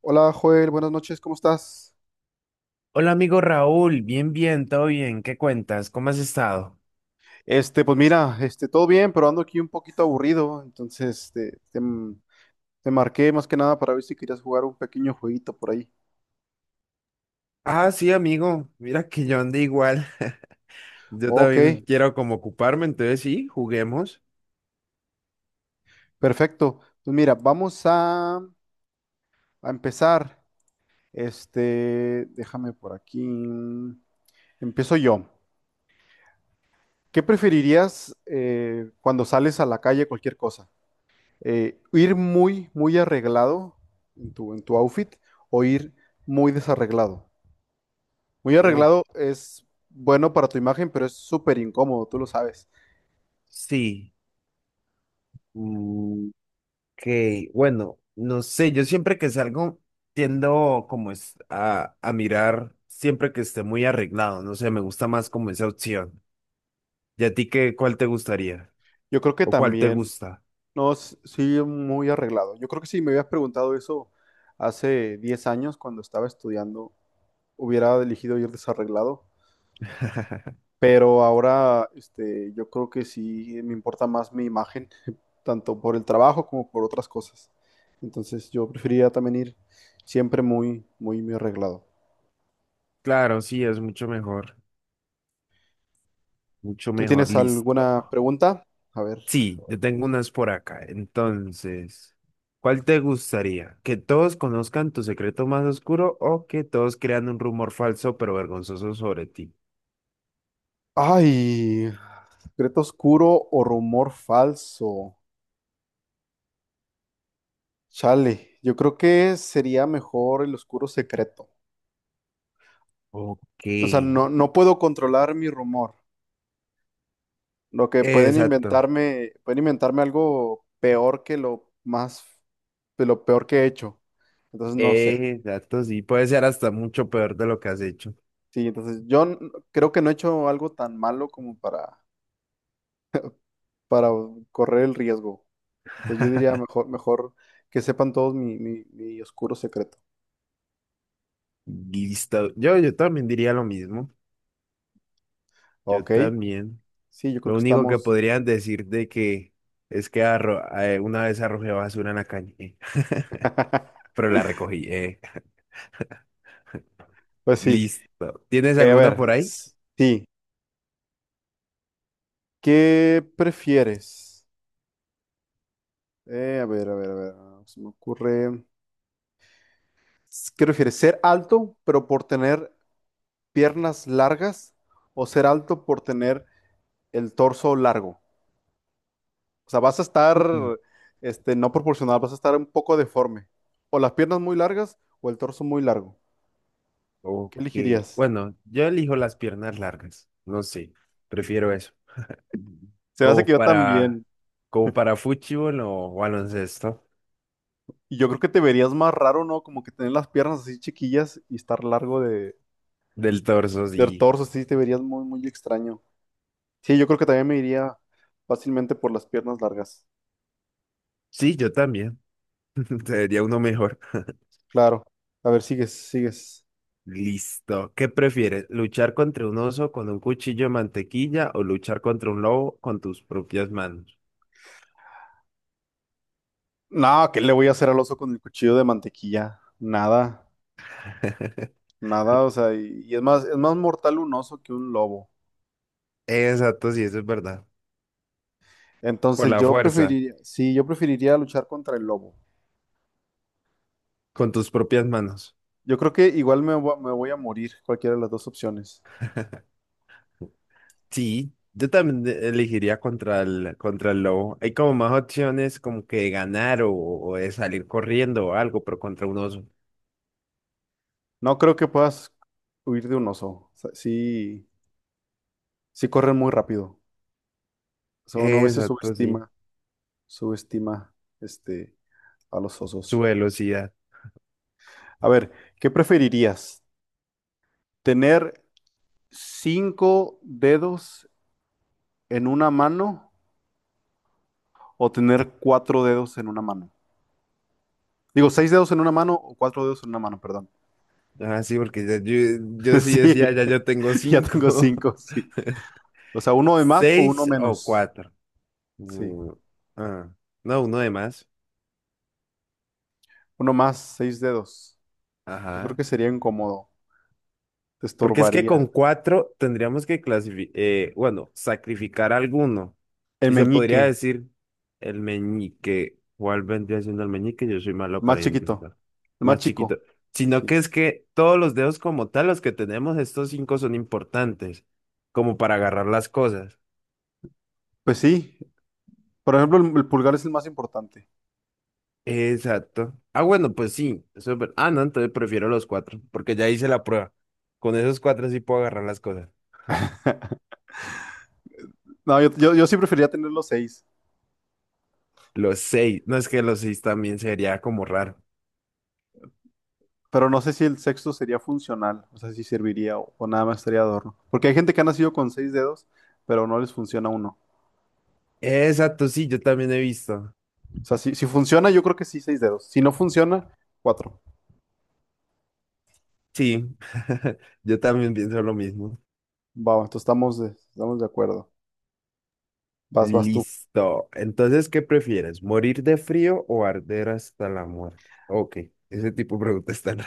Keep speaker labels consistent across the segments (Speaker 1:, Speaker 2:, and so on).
Speaker 1: Hola Joel, buenas noches, ¿cómo estás?
Speaker 2: Hola amigo Raúl, bien, bien, todo bien, ¿qué cuentas? ¿Cómo has estado?
Speaker 1: Pues mira, todo bien, pero ando aquí un poquito aburrido, entonces te marqué más que nada para ver si querías jugar un pequeño jueguito por ahí.
Speaker 2: Ah, sí, amigo. Mira que yo ando igual. Yo
Speaker 1: Ok,
Speaker 2: también quiero como ocuparme, entonces sí, juguemos.
Speaker 1: perfecto. Pues mira, vamos a empezar. Déjame por aquí. Empiezo yo. ¿Qué preferirías cuando sales a la calle, cualquier cosa? ¿Ir muy, muy arreglado en tu outfit o ir muy desarreglado? Muy
Speaker 2: Oh,
Speaker 1: arreglado es bueno para tu imagen, pero es súper incómodo, tú lo sabes.
Speaker 2: sí, mm, que bueno, no sé, yo siempre que salgo tiendo como es a mirar siempre que esté muy arreglado, no sé, me gusta más como esa opción. ¿Y a ti qué, cuál te gustaría?
Speaker 1: Yo creo que
Speaker 2: ¿O cuál te
Speaker 1: también.
Speaker 2: gusta?
Speaker 1: No, sí, muy arreglado. Yo creo que si me hubieras preguntado eso hace 10 años cuando estaba estudiando, hubiera elegido ir desarreglado. Pero ahora, yo creo que sí me importa más mi imagen, tanto por el trabajo como por otras cosas. Entonces, yo preferiría también ir siempre muy, muy, muy arreglado.
Speaker 2: Claro, sí, es mucho
Speaker 1: ¿Tú
Speaker 2: mejor,
Speaker 1: tienes
Speaker 2: listo.
Speaker 1: alguna pregunta? A ver.
Speaker 2: Sí, yo tengo unas por acá. Entonces, ¿cuál te gustaría? ¿Que todos conozcan tu secreto más oscuro o que todos crean un rumor falso pero vergonzoso sobre ti?
Speaker 1: Ay. ¿Secreto oscuro o rumor falso? Chale, yo creo que sería mejor el oscuro secreto.
Speaker 2: Ok.
Speaker 1: O sea, no, no puedo controlar mi rumor. Lo que
Speaker 2: Exacto.
Speaker 1: pueden inventarme algo peor que lo más, de lo peor que he hecho. Entonces no sé.
Speaker 2: Exacto, sí. Puede ser hasta mucho peor de lo que has hecho.
Speaker 1: Sí, entonces creo que no he hecho algo tan malo como para correr el riesgo. Entonces yo diría mejor, mejor que sepan todos mi oscuro secreto.
Speaker 2: Listo. Yo también diría lo mismo. Yo
Speaker 1: Ok.
Speaker 2: también.
Speaker 1: Sí, yo creo
Speaker 2: Lo
Speaker 1: que
Speaker 2: único que
Speaker 1: estamos.
Speaker 2: podrían decir de que es que una vez arrojé basura en la calle, pero la recogí.
Speaker 1: Pues sí.
Speaker 2: Listo. ¿Tienes
Speaker 1: Eh, a
Speaker 2: alguna por
Speaker 1: ver,
Speaker 2: ahí?
Speaker 1: s- sí, ¿qué prefieres? A ver, a ver, a ver, ah, se me ocurre. ¿Qué prefieres? ¿Ser alto pero por tener piernas largas o ser alto por tener el torso largo? O sea, vas a estar,
Speaker 2: Mm.
Speaker 1: no proporcional, vas a estar un poco deforme. O las piernas muy largas o el torso muy largo.
Speaker 2: Ok.
Speaker 1: ¿Qué elegirías?
Speaker 2: Bueno, yo elijo las piernas largas. No sé. Prefiero eso.
Speaker 1: Se me hace
Speaker 2: Como
Speaker 1: que yo
Speaker 2: para,
Speaker 1: también.
Speaker 2: como para fútbol o baloncesto.
Speaker 1: Y yo creo que te verías más raro, ¿no? Como que tener las piernas así chiquillas y estar largo de.
Speaker 2: Del torso, sí.
Speaker 1: Del torso, sí, te verías muy, muy extraño. Sí, yo creo que también me iría fácilmente por las piernas largas.
Speaker 2: Sí, yo también. Sería uno mejor.
Speaker 1: Claro. A ver, sigues, sigues.
Speaker 2: Listo. ¿Qué prefieres? ¿Luchar contra un oso con un cuchillo de mantequilla o luchar contra un lobo con tus propias manos?
Speaker 1: No, ¿qué le voy a hacer al oso con el cuchillo de mantequilla? Nada, nada, o sea, y es más mortal un oso que un lobo.
Speaker 2: Exacto, sí, eso es verdad. Por
Speaker 1: Entonces
Speaker 2: la
Speaker 1: yo
Speaker 2: fuerza,
Speaker 1: preferiría, sí, yo preferiría luchar contra el lobo.
Speaker 2: con tus propias manos.
Speaker 1: Yo creo que igual me voy a morir, cualquiera de las dos opciones.
Speaker 2: Sí, yo también elegiría contra el lobo. Hay como más opciones como que de ganar o de salir corriendo o algo, pero contra un oso.
Speaker 1: No creo que puedas huir de un oso. O sea, sí, sí corren muy rápido. O sea, uno a veces
Speaker 2: Exacto, sí.
Speaker 1: subestima. subestima este, a los
Speaker 2: Su
Speaker 1: osos.
Speaker 2: velocidad.
Speaker 1: A ver, ¿qué preferirías? ¿Tener cinco dedos en una mano o tener cuatro dedos en una mano? Digo, seis dedos en una mano o cuatro dedos en una mano, perdón.
Speaker 2: Ah, sí, porque ya yo sí
Speaker 1: Sí,
Speaker 2: decía, ya yo tengo
Speaker 1: ya tengo
Speaker 2: cinco,
Speaker 1: cinco, sí. O sea, uno de más o uno
Speaker 2: seis o
Speaker 1: menos.
Speaker 2: cuatro.
Speaker 1: Sí,
Speaker 2: Mm, ah, no, uno de más.
Speaker 1: uno más, seis dedos. Yo creo
Speaker 2: Ajá.
Speaker 1: que sería incómodo, te
Speaker 2: Porque es que
Speaker 1: estorbaría.
Speaker 2: con cuatro tendríamos que clasificar, bueno, sacrificar alguno.
Speaker 1: El
Speaker 2: Y se
Speaker 1: meñique,
Speaker 2: podría
Speaker 1: el
Speaker 2: decir el meñique. ¿Cuál vendría siendo el meñique? Yo soy malo
Speaker 1: más
Speaker 2: para
Speaker 1: chiquito,
Speaker 2: identificar.
Speaker 1: el más
Speaker 2: Más chiquito.
Speaker 1: chico.
Speaker 2: Sino
Speaker 1: Sí.
Speaker 2: que es que todos los dedos como tal, los que tenemos, estos cinco son importantes, como para agarrar las cosas.
Speaker 1: Pues sí. Por ejemplo, el pulgar es el más importante.
Speaker 2: Exacto. Ah, bueno, pues sí. Eso es ver- Ah, no, entonces prefiero los cuatro, porque ya hice la prueba. Con esos cuatro sí puedo agarrar las cosas.
Speaker 1: No, yo sí prefería tener los seis,
Speaker 2: Los seis. No es que los seis también sería como raro.
Speaker 1: pero no sé si el sexto sería funcional, o sea, si serviría o nada más sería adorno. Porque hay gente que ha nacido con seis dedos, pero no les funciona uno.
Speaker 2: Exacto, sí, yo también he visto.
Speaker 1: O sea, si funciona, yo creo que sí, seis dedos. Si no funciona, cuatro.
Speaker 2: Sí, yo también pienso lo mismo.
Speaker 1: Va, entonces estamos de acuerdo. Vas tú.
Speaker 2: Listo. Entonces, ¿qué prefieres? ¿Morir de frío o arder hasta la muerte? Ok, ese tipo de preguntas están.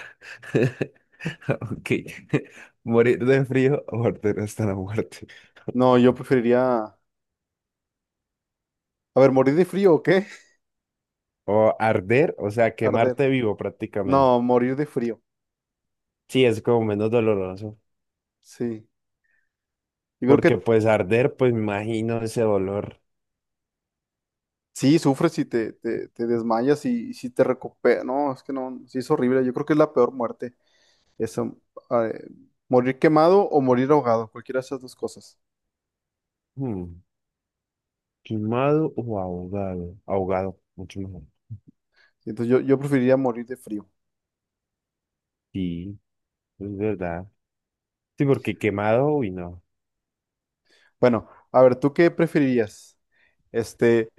Speaker 2: Ok. ¿Morir de frío o arder hasta la muerte?
Speaker 1: No, yo preferiría, a ver, ¿morir de frío o qué?
Speaker 2: O arder, o sea,
Speaker 1: Arder.
Speaker 2: quemarte vivo prácticamente.
Speaker 1: No, morir de frío.
Speaker 2: Sí, es como menos doloroso.
Speaker 1: Sí. Yo creo
Speaker 2: Porque
Speaker 1: que
Speaker 2: pues arder, pues me imagino ese dolor.
Speaker 1: sí, sufres y te desmayas y si te recuperas. No, es que no, sí es horrible. Yo creo que es la peor muerte. Esa, eh, morir quemado o morir ahogado, cualquiera de esas dos cosas.
Speaker 2: Hmm, ¿quemado o ahogado? Ahogado, mucho mejor.
Speaker 1: Entonces yo preferiría morir de frío.
Speaker 2: Sí. Es verdad. Sí, porque quemado, uy, no.
Speaker 1: Bueno, a ver, ¿tú qué preferirías? Este,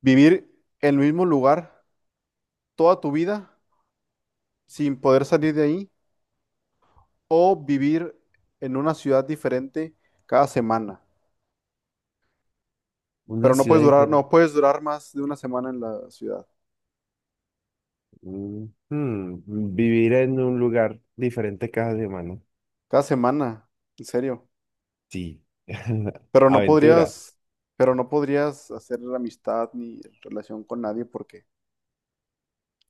Speaker 1: ¿vivir en el mismo lugar toda tu vida sin poder salir de ahí o vivir en una ciudad diferente cada semana?
Speaker 2: Una ciudad diferente.
Speaker 1: No puedes durar más de una semana en la ciudad.
Speaker 2: Mm, mm, vivir en un lugar diferente cada semana.
Speaker 1: Cada semana, en serio.
Speaker 2: Sí.
Speaker 1: Pero no
Speaker 2: Aventura.
Speaker 1: podrías, pero no podrías hacer amistad ni relación con nadie porque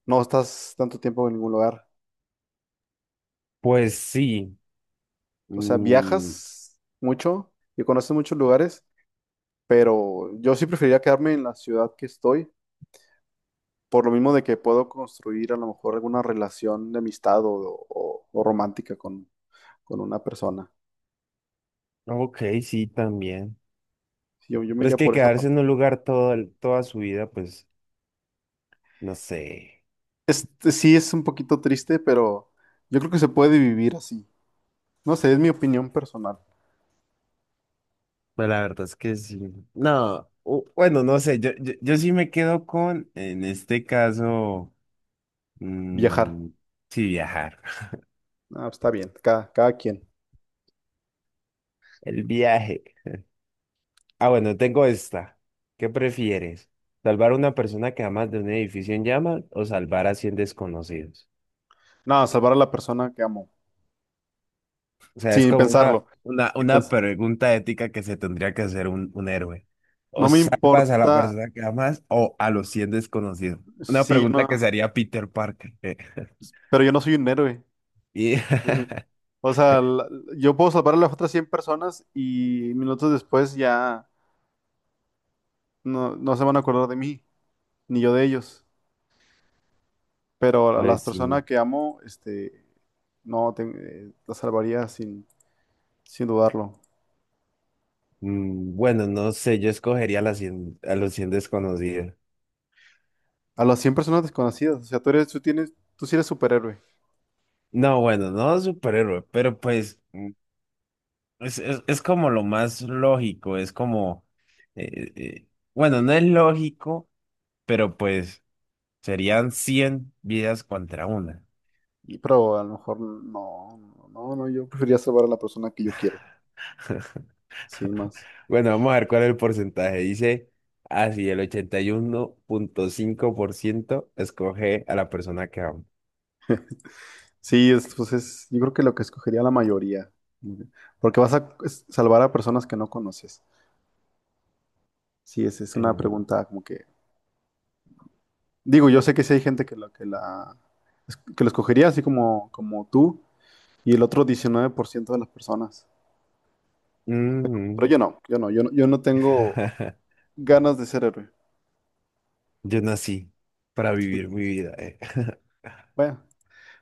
Speaker 1: no estás tanto tiempo en ningún lugar.
Speaker 2: Pues sí.
Speaker 1: O sea,
Speaker 2: Mm,
Speaker 1: viajas mucho y conoces muchos lugares, pero yo sí preferiría quedarme en la ciudad que estoy, por lo mismo de que puedo construir a lo mejor alguna relación de amistad o romántica con una persona.
Speaker 2: ok, sí, también.
Speaker 1: Sí, yo me
Speaker 2: Pero es
Speaker 1: iría
Speaker 2: que
Speaker 1: por esa
Speaker 2: quedarse
Speaker 1: parte.
Speaker 2: en un lugar todo, el- toda su vida, pues, no sé.
Speaker 1: Este sí es un poquito triste, pero yo creo que se puede vivir así. No sé, es mi opinión personal.
Speaker 2: Pues la verdad es que sí. No, bueno, no sé. Yo sí me quedo con, en este caso,
Speaker 1: Viajar.
Speaker 2: mm, sí, viajar.
Speaker 1: Ah, pues está bien, cada, cada quien.
Speaker 2: El viaje. Ah, bueno, tengo esta. ¿Qué prefieres? ¿Salvar a una persona que amas de un edificio en llamas o salvar a 100 desconocidos?
Speaker 1: No, salvar a la persona que amo,
Speaker 2: O sea, es
Speaker 1: sin
Speaker 2: como una,
Speaker 1: pensarlo.
Speaker 2: una,
Speaker 1: Y
Speaker 2: una
Speaker 1: pues,
Speaker 2: pregunta ética que se tendría que hacer un héroe. ¿O
Speaker 1: no me
Speaker 2: salvas a la
Speaker 1: importa
Speaker 2: persona que amas o a los 100 desconocidos? Una
Speaker 1: si yo
Speaker 2: pregunta que se
Speaker 1: no,
Speaker 2: haría Peter Parker.
Speaker 1: pero yo no soy un héroe.
Speaker 2: Y
Speaker 1: O sea, yo puedo salvar a las otras 100 personas y minutos después ya no, no se van a acordar de mí, ni yo de ellos. Pero a las
Speaker 2: pues
Speaker 1: personas
Speaker 2: sí.
Speaker 1: que amo, no, las salvaría sin, sin dudarlo.
Speaker 2: Mm, bueno, no sé, yo escogería a, las 100 a los 100 desconocidos.
Speaker 1: A las 100 personas desconocidas, o sea, tú sí eres superhéroe.
Speaker 2: No, bueno, no superhéroe, pero pues. Es como lo más lógico, es como, eh, eh, bueno, no es lógico, pero pues serían 100 vidas contra una.
Speaker 1: Pero a lo mejor no, no, no, no, yo preferiría salvar a la persona que yo quiero, sí, más.
Speaker 2: Bueno, vamos a ver cuál es el porcentaje. Dice, así el 81,5% escoge a la persona que amo.
Speaker 1: Sí, pues es, yo creo que lo que escogería la mayoría, como que- porque vas a salvar a personas que no conoces. Sí, es una
Speaker 2: Mm.
Speaker 1: pregunta como que, digo, yo sé que sí hay gente que lo escogería así como tú y el otro 19% de las personas. Pero
Speaker 2: Mm.
Speaker 1: yo no tengo ganas de ser héroe.
Speaker 2: Yo nací para
Speaker 1: Sí.
Speaker 2: vivir mi vida.
Speaker 1: Bueno.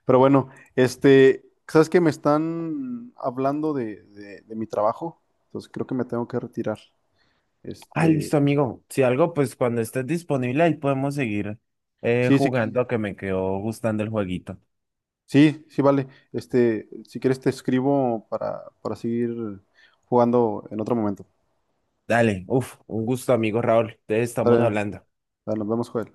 Speaker 1: Pero bueno, ¿Sabes que me están hablando de mi trabajo? Entonces creo que me tengo que retirar.
Speaker 2: Ah,
Speaker 1: Este,
Speaker 2: listo, amigo. Si algo, pues cuando estés disponible ahí podemos seguir
Speaker 1: sí, sí, qui-
Speaker 2: jugando, que me quedó gustando el jueguito.
Speaker 1: sí, sí, vale. Si quieres te escribo para seguir jugando en otro momento.
Speaker 2: Dale, uf, un gusto, amigo Raúl. Entonces estamos
Speaker 1: Dale,
Speaker 2: hablando.
Speaker 1: dale, nos vemos, Joel.